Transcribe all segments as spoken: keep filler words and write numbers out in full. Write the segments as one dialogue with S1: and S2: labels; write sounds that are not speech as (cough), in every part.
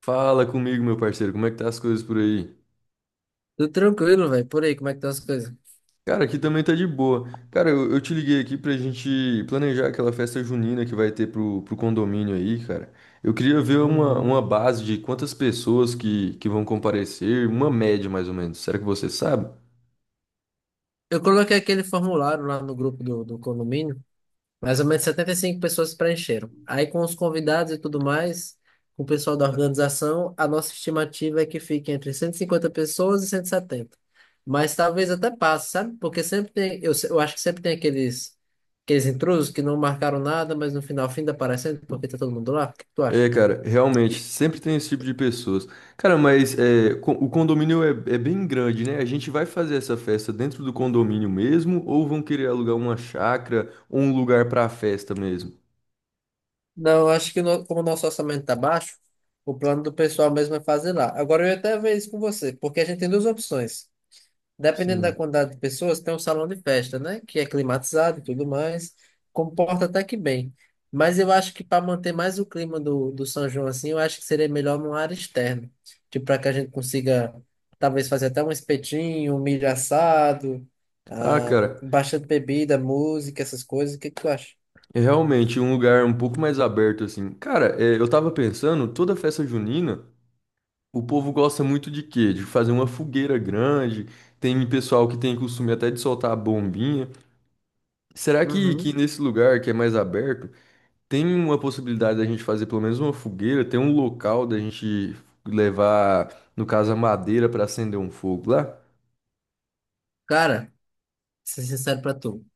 S1: Fala comigo, meu parceiro, como é que tá as coisas por aí?
S2: Tudo tranquilo, velho. Por aí, como é que estão as coisas?
S1: Cara, aqui também tá de boa. Cara, eu, eu te liguei aqui pra gente planejar aquela festa junina que vai ter pro, pro condomínio aí, cara. Eu queria ver uma,
S2: Uhum.
S1: uma base de quantas pessoas que, que vão comparecer, uma média mais ou menos. Será que você sabe?
S2: Eu coloquei aquele formulário lá no grupo do, do condomínio, mais ou menos setenta e cinco pessoas preencheram. Aí, com os convidados e tudo mais, com o pessoal da organização, a nossa estimativa é que fique entre cento e cinquenta pessoas e cento e setenta. Mas talvez até passe, sabe? Porque sempre tem, eu, se- eu acho que sempre tem aqueles, aqueles intrusos que não marcaram nada, mas no final, fim aparecendo, porque tá todo mundo lá. O que que tu acha?
S1: É, cara, realmente, sempre tem esse tipo de pessoas. Cara, mas é, co- o condomínio é, é bem grande, né? A gente vai fazer essa festa dentro do condomínio mesmo ou vão querer alugar uma chácara ou um lugar pra festa mesmo?
S2: Não, eu acho que no- como o nosso orçamento está baixo, o plano do pessoal mesmo é fazer lá. Agora eu ia até ver isso com você, porque a gente tem duas opções. Dependendo da
S1: Sim.
S2: quantidade de pessoas, tem um salão de festa, né? Que é climatizado e tudo mais, comporta até que bem. Mas eu acho que para manter mais o clima do, do São João assim, eu acho que seria melhor numa área externa. Tipo, para que a gente consiga talvez fazer até um espetinho, um milho assado,
S1: Ah,
S2: ah,
S1: cara,
S2: bastante bebida, música, essas coisas. O que que tu acha?
S1: é realmente um lugar um pouco mais aberto, assim. Cara, é, eu tava pensando, toda festa junina, o povo gosta muito de quê? De fazer uma fogueira grande, tem pessoal que tem costume até de soltar a bombinha. Será que, que
S2: Uhum.
S1: nesse lugar que é mais aberto, tem uma possibilidade da gente fazer pelo menos uma fogueira, tem um local da gente levar, no caso, a madeira para acender um fogo lá?
S2: Cara, ser sincero pra tu.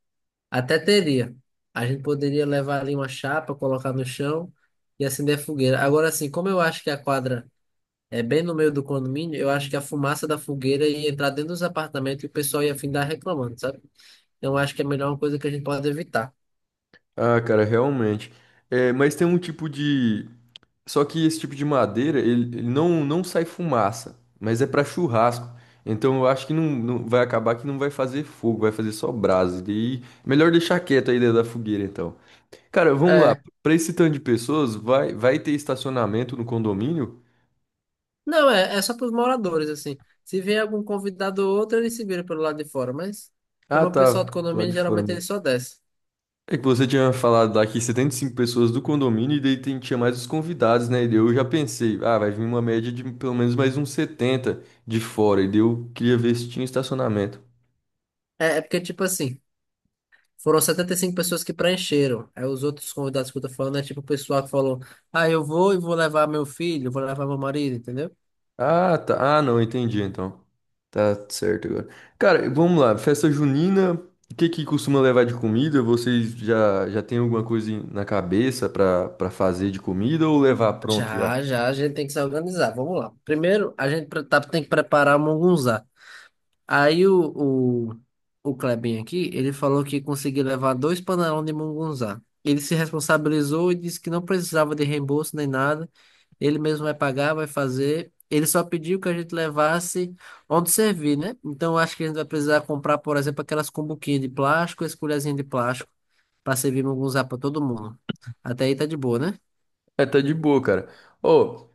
S2: Até teria. A gente poderia levar ali uma chapa, colocar no chão e acender a fogueira. Agora, assim, como eu acho que a quadra é bem no meio do condomínio, eu acho que a fumaça da fogueira ia entrar dentro dos apartamentos e o pessoal ia findar reclamando, sabe? Então, eu acho que é melhor uma coisa que a gente pode evitar.
S1: Ah, cara, realmente. É, mas tem um tipo de só que esse tipo de madeira, ele, ele não, não sai fumaça, mas é para churrasco. Então eu acho que não, não- vai acabar que não vai fazer fogo, vai fazer só brasa. E daí, melhor deixar quieto aí dentro da fogueira, então. Cara, vamos lá.
S2: É.
S1: Para esse tanto de pessoas, vai, vai ter estacionamento no condomínio?
S2: Não, é, é só para os moradores, assim. Se vier algum convidado ou outro, eles se viram pelo lado de fora. Mas,
S1: Ah,
S2: como é o
S1: tá.
S2: pessoal do
S1: Do lado
S2: condomínio,
S1: de fora
S2: geralmente ele
S1: mesmo.
S2: só desce.
S1: É que você tinha falado lá que setenta e cinco pessoas do condomínio e daí tem- tinha mais os convidados, né? E daí eu já pensei, ah, vai vir uma média de pelo menos mais uns setenta de fora. E daí eu queria ver se tinha estacionamento.
S2: É, é porque, tipo assim. Foram setenta e cinco pessoas que preencheram. Aí os outros convidados que eu tô falando é tipo o pessoal que falou: Ah, eu vou e vou levar meu filho, vou levar meu marido, entendeu?
S1: Ah, tá. Ah, não, entendi então. Tá certo agora. Cara, vamos lá. Festa junina, o que que costuma levar de comida? Vocês já já tem alguma coisa em- na cabeça pra para fazer de comida ou levar pronto já?
S2: Já, já, a gente tem que se organizar. Vamos lá. Primeiro, a gente pre- tá, tem que preparar o Mungunzá. Aí o, o, o Klebin aqui, ele falou que conseguiu levar dois panelões de mungunzá. Ele se responsabilizou e disse que não precisava de reembolso nem nada. Ele mesmo vai pagar, vai fazer. Ele só pediu que a gente levasse onde servir, né? Então eu acho que a gente vai precisar comprar, por exemplo, aquelas cumbuquinhas de plástico, as colherzinhas de plástico, para servir mungunzá para todo mundo. Até aí tá de boa, né?
S1: É, tá de boa, cara. Ô,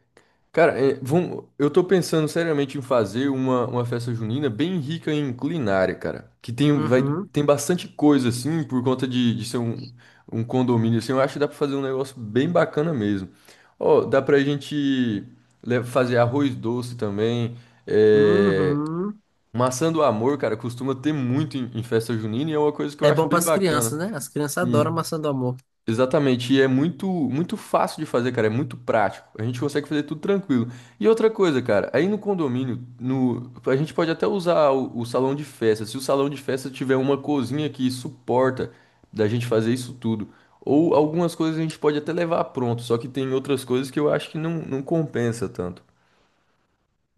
S1: cara, é, vamos, eu tô pensando seriamente em fazer uma, uma festa junina bem rica em culinária, cara. Que tem, vai,
S2: Uhum,
S1: tem bastante coisa, assim, por conta de, de ser um, um condomínio, assim. Eu acho que dá pra fazer um negócio bem bacana mesmo. Ó, dá pra gente le- fazer arroz doce também. É,
S2: uhum.
S1: maçã do amor, cara, costuma ter muito em, em festa junina e é uma coisa que
S2: É
S1: eu acho
S2: bom para
S1: bem
S2: as crianças,
S1: bacana.
S2: né? As crianças adoram maçã do amor.
S1: Exatamente, e é muito, muito fácil de fazer, cara, é muito prático. A gente consegue fazer tudo tranquilo. E outra coisa, cara, aí no condomínio, no, a gente pode até usar o, o salão de festa. Se o salão de festa tiver uma cozinha que suporta da gente fazer isso tudo, ou algumas coisas a gente pode até levar pronto, só que tem outras coisas que eu acho que não, não compensa tanto.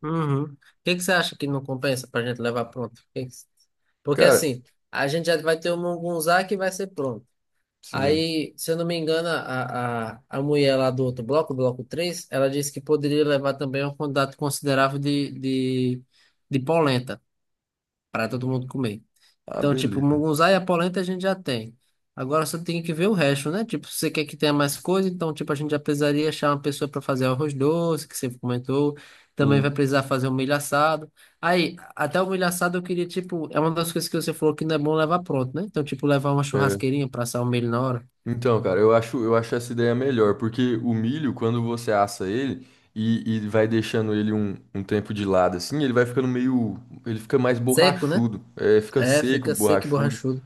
S2: Uhum. O que que você acha que não compensa pra gente levar pronto? O que que- Porque
S1: Cara,
S2: assim, a gente já vai ter o Mungunzá que vai ser pronto.
S1: sim.
S2: Aí, se eu não me engano, a, a, a mulher lá do outro bloco, bloco três ela disse que poderia levar também uma quantidade considerável de, de, de polenta para todo mundo comer.
S1: Ah,
S2: Então, tipo,
S1: beleza.
S2: mungunzá e a polenta a gente já tem. Agora só tem que ver o resto, né? Tipo, se você quer que tenha mais coisa, então, tipo, a gente já precisaria achar uma pessoa para fazer arroz doce, que você comentou. Também vai
S1: Sim.
S2: precisar fazer o milho assado. Aí, até o milho assado eu queria, tipo, é uma das coisas que você falou que não é bom levar pronto, né? Então, tipo, levar uma
S1: É.
S2: churrasqueirinha para assar o milho na hora.
S1: Então, cara, eu acho, eu acho essa ideia melhor, porque o milho, quando você assa ele e, e vai deixando ele um, um tempo de lado assim, ele vai ficando meio. Ele fica mais
S2: Seco, né?
S1: borrachudo, é, fica
S2: É,
S1: seco,
S2: fica seco e
S1: borrachudo.
S2: borrachudo.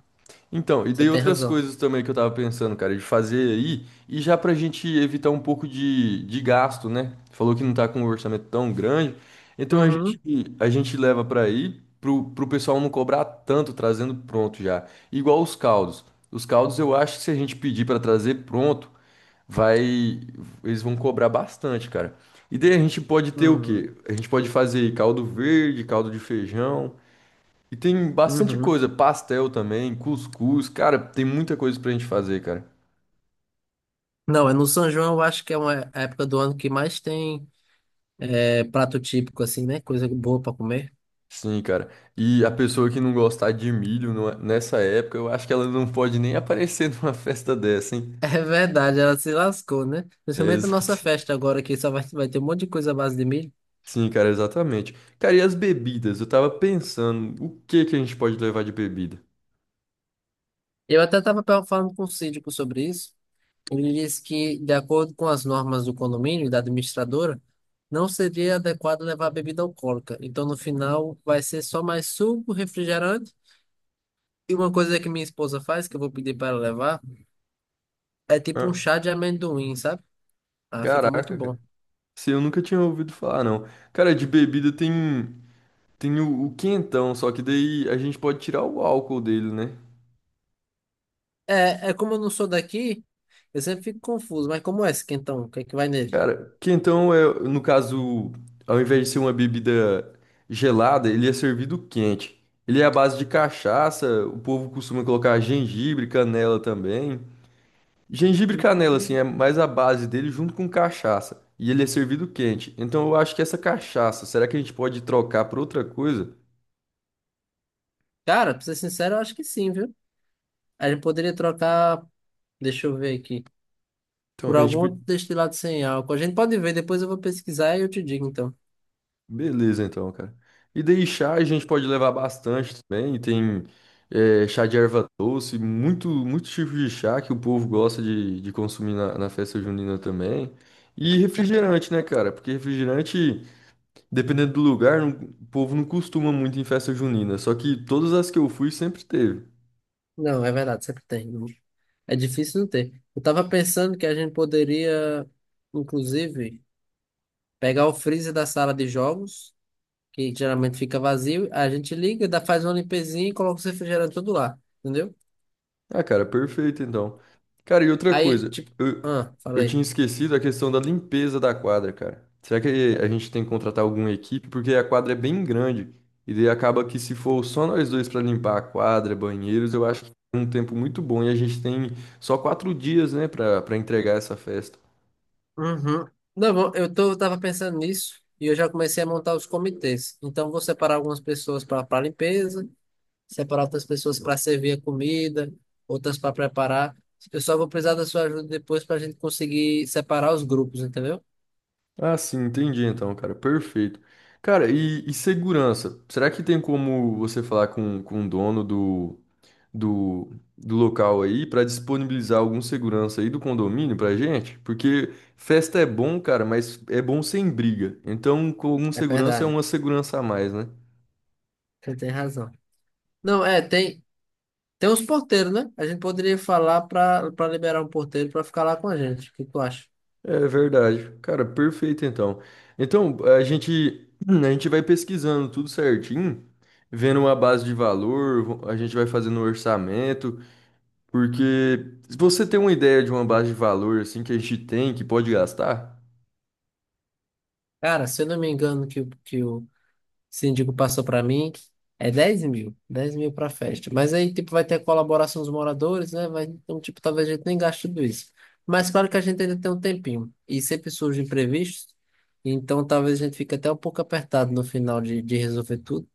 S1: Então, e
S2: Você
S1: daí
S2: tem
S1: outras
S2: razão.
S1: coisas também que eu tava pensando, cara, de fazer aí, e já pra gente evitar um pouco de, de gasto, né? Falou que não tá com um orçamento tão grande, então a gente,
S2: Uhum,
S1: a gente leva pra aí, pro, pro pessoal não cobrar tanto trazendo pronto já. Igual os caldos. Os caldos eu acho que se a gente pedir pra trazer pronto, vai, eles vão cobrar bastante, cara. E daí a gente pode ter o quê?
S2: uhum,
S1: A gente pode fazer caldo verde, caldo de feijão. E tem bastante
S2: uhum.
S1: coisa, pastel também, cuscuz, cara, tem muita coisa pra gente fazer, cara.
S2: Não, é no São João, eu acho que é uma época do ano que mais tem. É prato típico, assim, né? Coisa boa pra comer. (laughs)
S1: Sim, cara. E a pessoa que não gostar de milho não- é- nessa época, eu acho que ela não pode nem aparecer (laughs) numa festa dessa, hein?
S2: É verdade, ela se lascou, né?
S1: É,
S2: Principalmente a nossa
S1: exato.
S2: festa agora, que só vai, vai ter um monte de coisa à base de milho.
S1: Sim, cara, exatamente. Cara, e as bebidas? Eu tava pensando, o que que a gente pode levar de bebida?
S2: Eu até estava falando com o síndico sobre isso. Ele disse que, de acordo com as normas do condomínio e da administradora, não seria adequado levar bebida alcoólica. Então, no final, vai ser só mais suco, refrigerante. E uma coisa que minha esposa faz, que eu vou pedir para ela levar, é tipo um
S1: Ah,
S2: chá de amendoim, sabe? Ah, fica muito
S1: caraca,
S2: bom.
S1: cara. Se eu nunca tinha ouvido falar, não. Cara, de bebida tem tem o, o quentão, só que daí a gente pode tirar o álcool dele, né?
S2: É, é como eu não sou daqui, eu sempre fico confuso. Mas como é esse quentão? O que é que vai nele?
S1: Cara, que então é, no caso, ao invés de ser uma bebida gelada, ele é servido quente. Ele é à base de cachaça, o povo costuma colocar gengibre, canela também. Gengibre e canela, assim, é mais a base dele junto com cachaça. E ele é servido quente. Então eu acho que essa cachaça, será que a gente pode trocar por outra coisa?
S2: Cara, pra ser sincero, eu acho que sim, viu? A gente poderia trocar, deixa eu ver aqui,
S1: Então
S2: por
S1: a
S2: algum outro
S1: gente.
S2: destilado sem álcool. A gente pode ver, depois eu vou pesquisar e eu te digo, então.
S1: Beleza, então, cara. E daí chá a gente pode levar bastante também. Tem eh, chá de erva doce, muito, muito tipo de chá que o povo gosta de, de consumir na, na festa junina também. E refrigerante, né, cara? Porque refrigerante, dependendo do lugar, não- o povo não costuma muito em festa junina. Só que todas as que eu fui sempre teve.
S2: Não, é verdade, sempre tem. Não- É difícil não ter. Eu tava pensando que a gente poderia, inclusive, pegar o freezer da sala de jogos, que geralmente fica vazio, a gente liga, dá, faz uma limpezinha e coloca o refrigerantes todo lá, entendeu?
S1: Ah, cara, perfeito então. Cara, e outra
S2: Aí,
S1: coisa,
S2: tipo,
S1: eu,
S2: ah,
S1: eu tinha
S2: falei.
S1: esquecido a questão da limpeza da quadra, cara. Será que a gente tem que contratar alguma equipe? Porque a quadra é bem grande e daí acaba que se for só nós dois pra limpar a quadra, banheiros, eu acho que é um tempo muito bom e a gente tem só quatro dias, né, pra para entregar essa festa.
S2: Uhum. Não, bom, eu tô, eu tava pensando nisso e eu já comecei a montar os comitês. Então, vou separar algumas pessoas para para limpeza, separar outras pessoas para servir a comida, outras para preparar. Eu só vou precisar da sua ajuda depois para a gente conseguir separar os grupos, entendeu?
S1: Ah, sim, entendi então, cara, perfeito. Cara, e, e segurança? Será que tem como você falar com, com o dono do do, do local aí para disponibilizar algum segurança aí do condomínio pra gente, porque festa é bom, cara, mas é bom sem briga. Então, com algum
S2: É
S1: segurança é
S2: verdade,
S1: uma segurança a mais, né?
S2: você tem razão. Não, é, tem, tem uns porteiros, né? A gente poderia falar para para liberar um porteiro para ficar lá com a gente. O que tu acha?
S1: É verdade. Cara, perfeito então. Então, a gente (clears throat) a gente vai pesquisando tudo certinho, vendo uma base de valor, a gente vai fazendo um orçamento, porque se você tem uma ideia de uma base de valor assim que a gente tem, que pode gastar.
S2: Cara, se eu não me engano, que, o- que o Esse síndico passou para mim, é dez mil, dez mil para festa. Mas aí, tipo, vai ter a colaboração dos moradores, né? Vai, então, tipo, talvez a gente nem gaste tudo isso. Mas claro que a gente ainda tem um tempinho. E sempre surgem imprevistos, então talvez a gente fique até um pouco apertado no final de, de resolver tudo.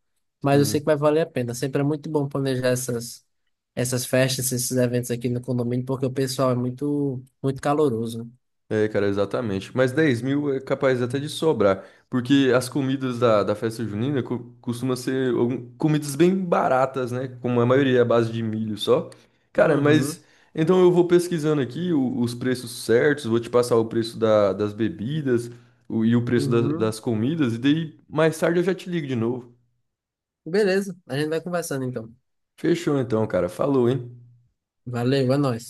S2: Mas eu sei que
S1: Sim.
S2: vai valer a pena. Sempre é muito bom planejar essas, essas festas, esses eventos aqui no condomínio, porque o pessoal é muito, muito caloroso.
S1: É, cara, exatamente. Mas dez mil é capaz até de sobrar, porque as comidas da, da festa junina co costumam ser algum- comidas bem baratas, né? Como a maioria é à base de milho só. Cara,
S2: Uhum,
S1: mas então eu vou pesquisando aqui o- os preços certos, vou te passar o preço da- das bebidas o- e o preço da-
S2: uhum.
S1: das comidas, e daí mais tarde eu já te ligo de novo.
S2: Beleza, a gente vai conversando então.
S1: Fechou então, cara. Falou, hein?
S2: Valeu, é nóis.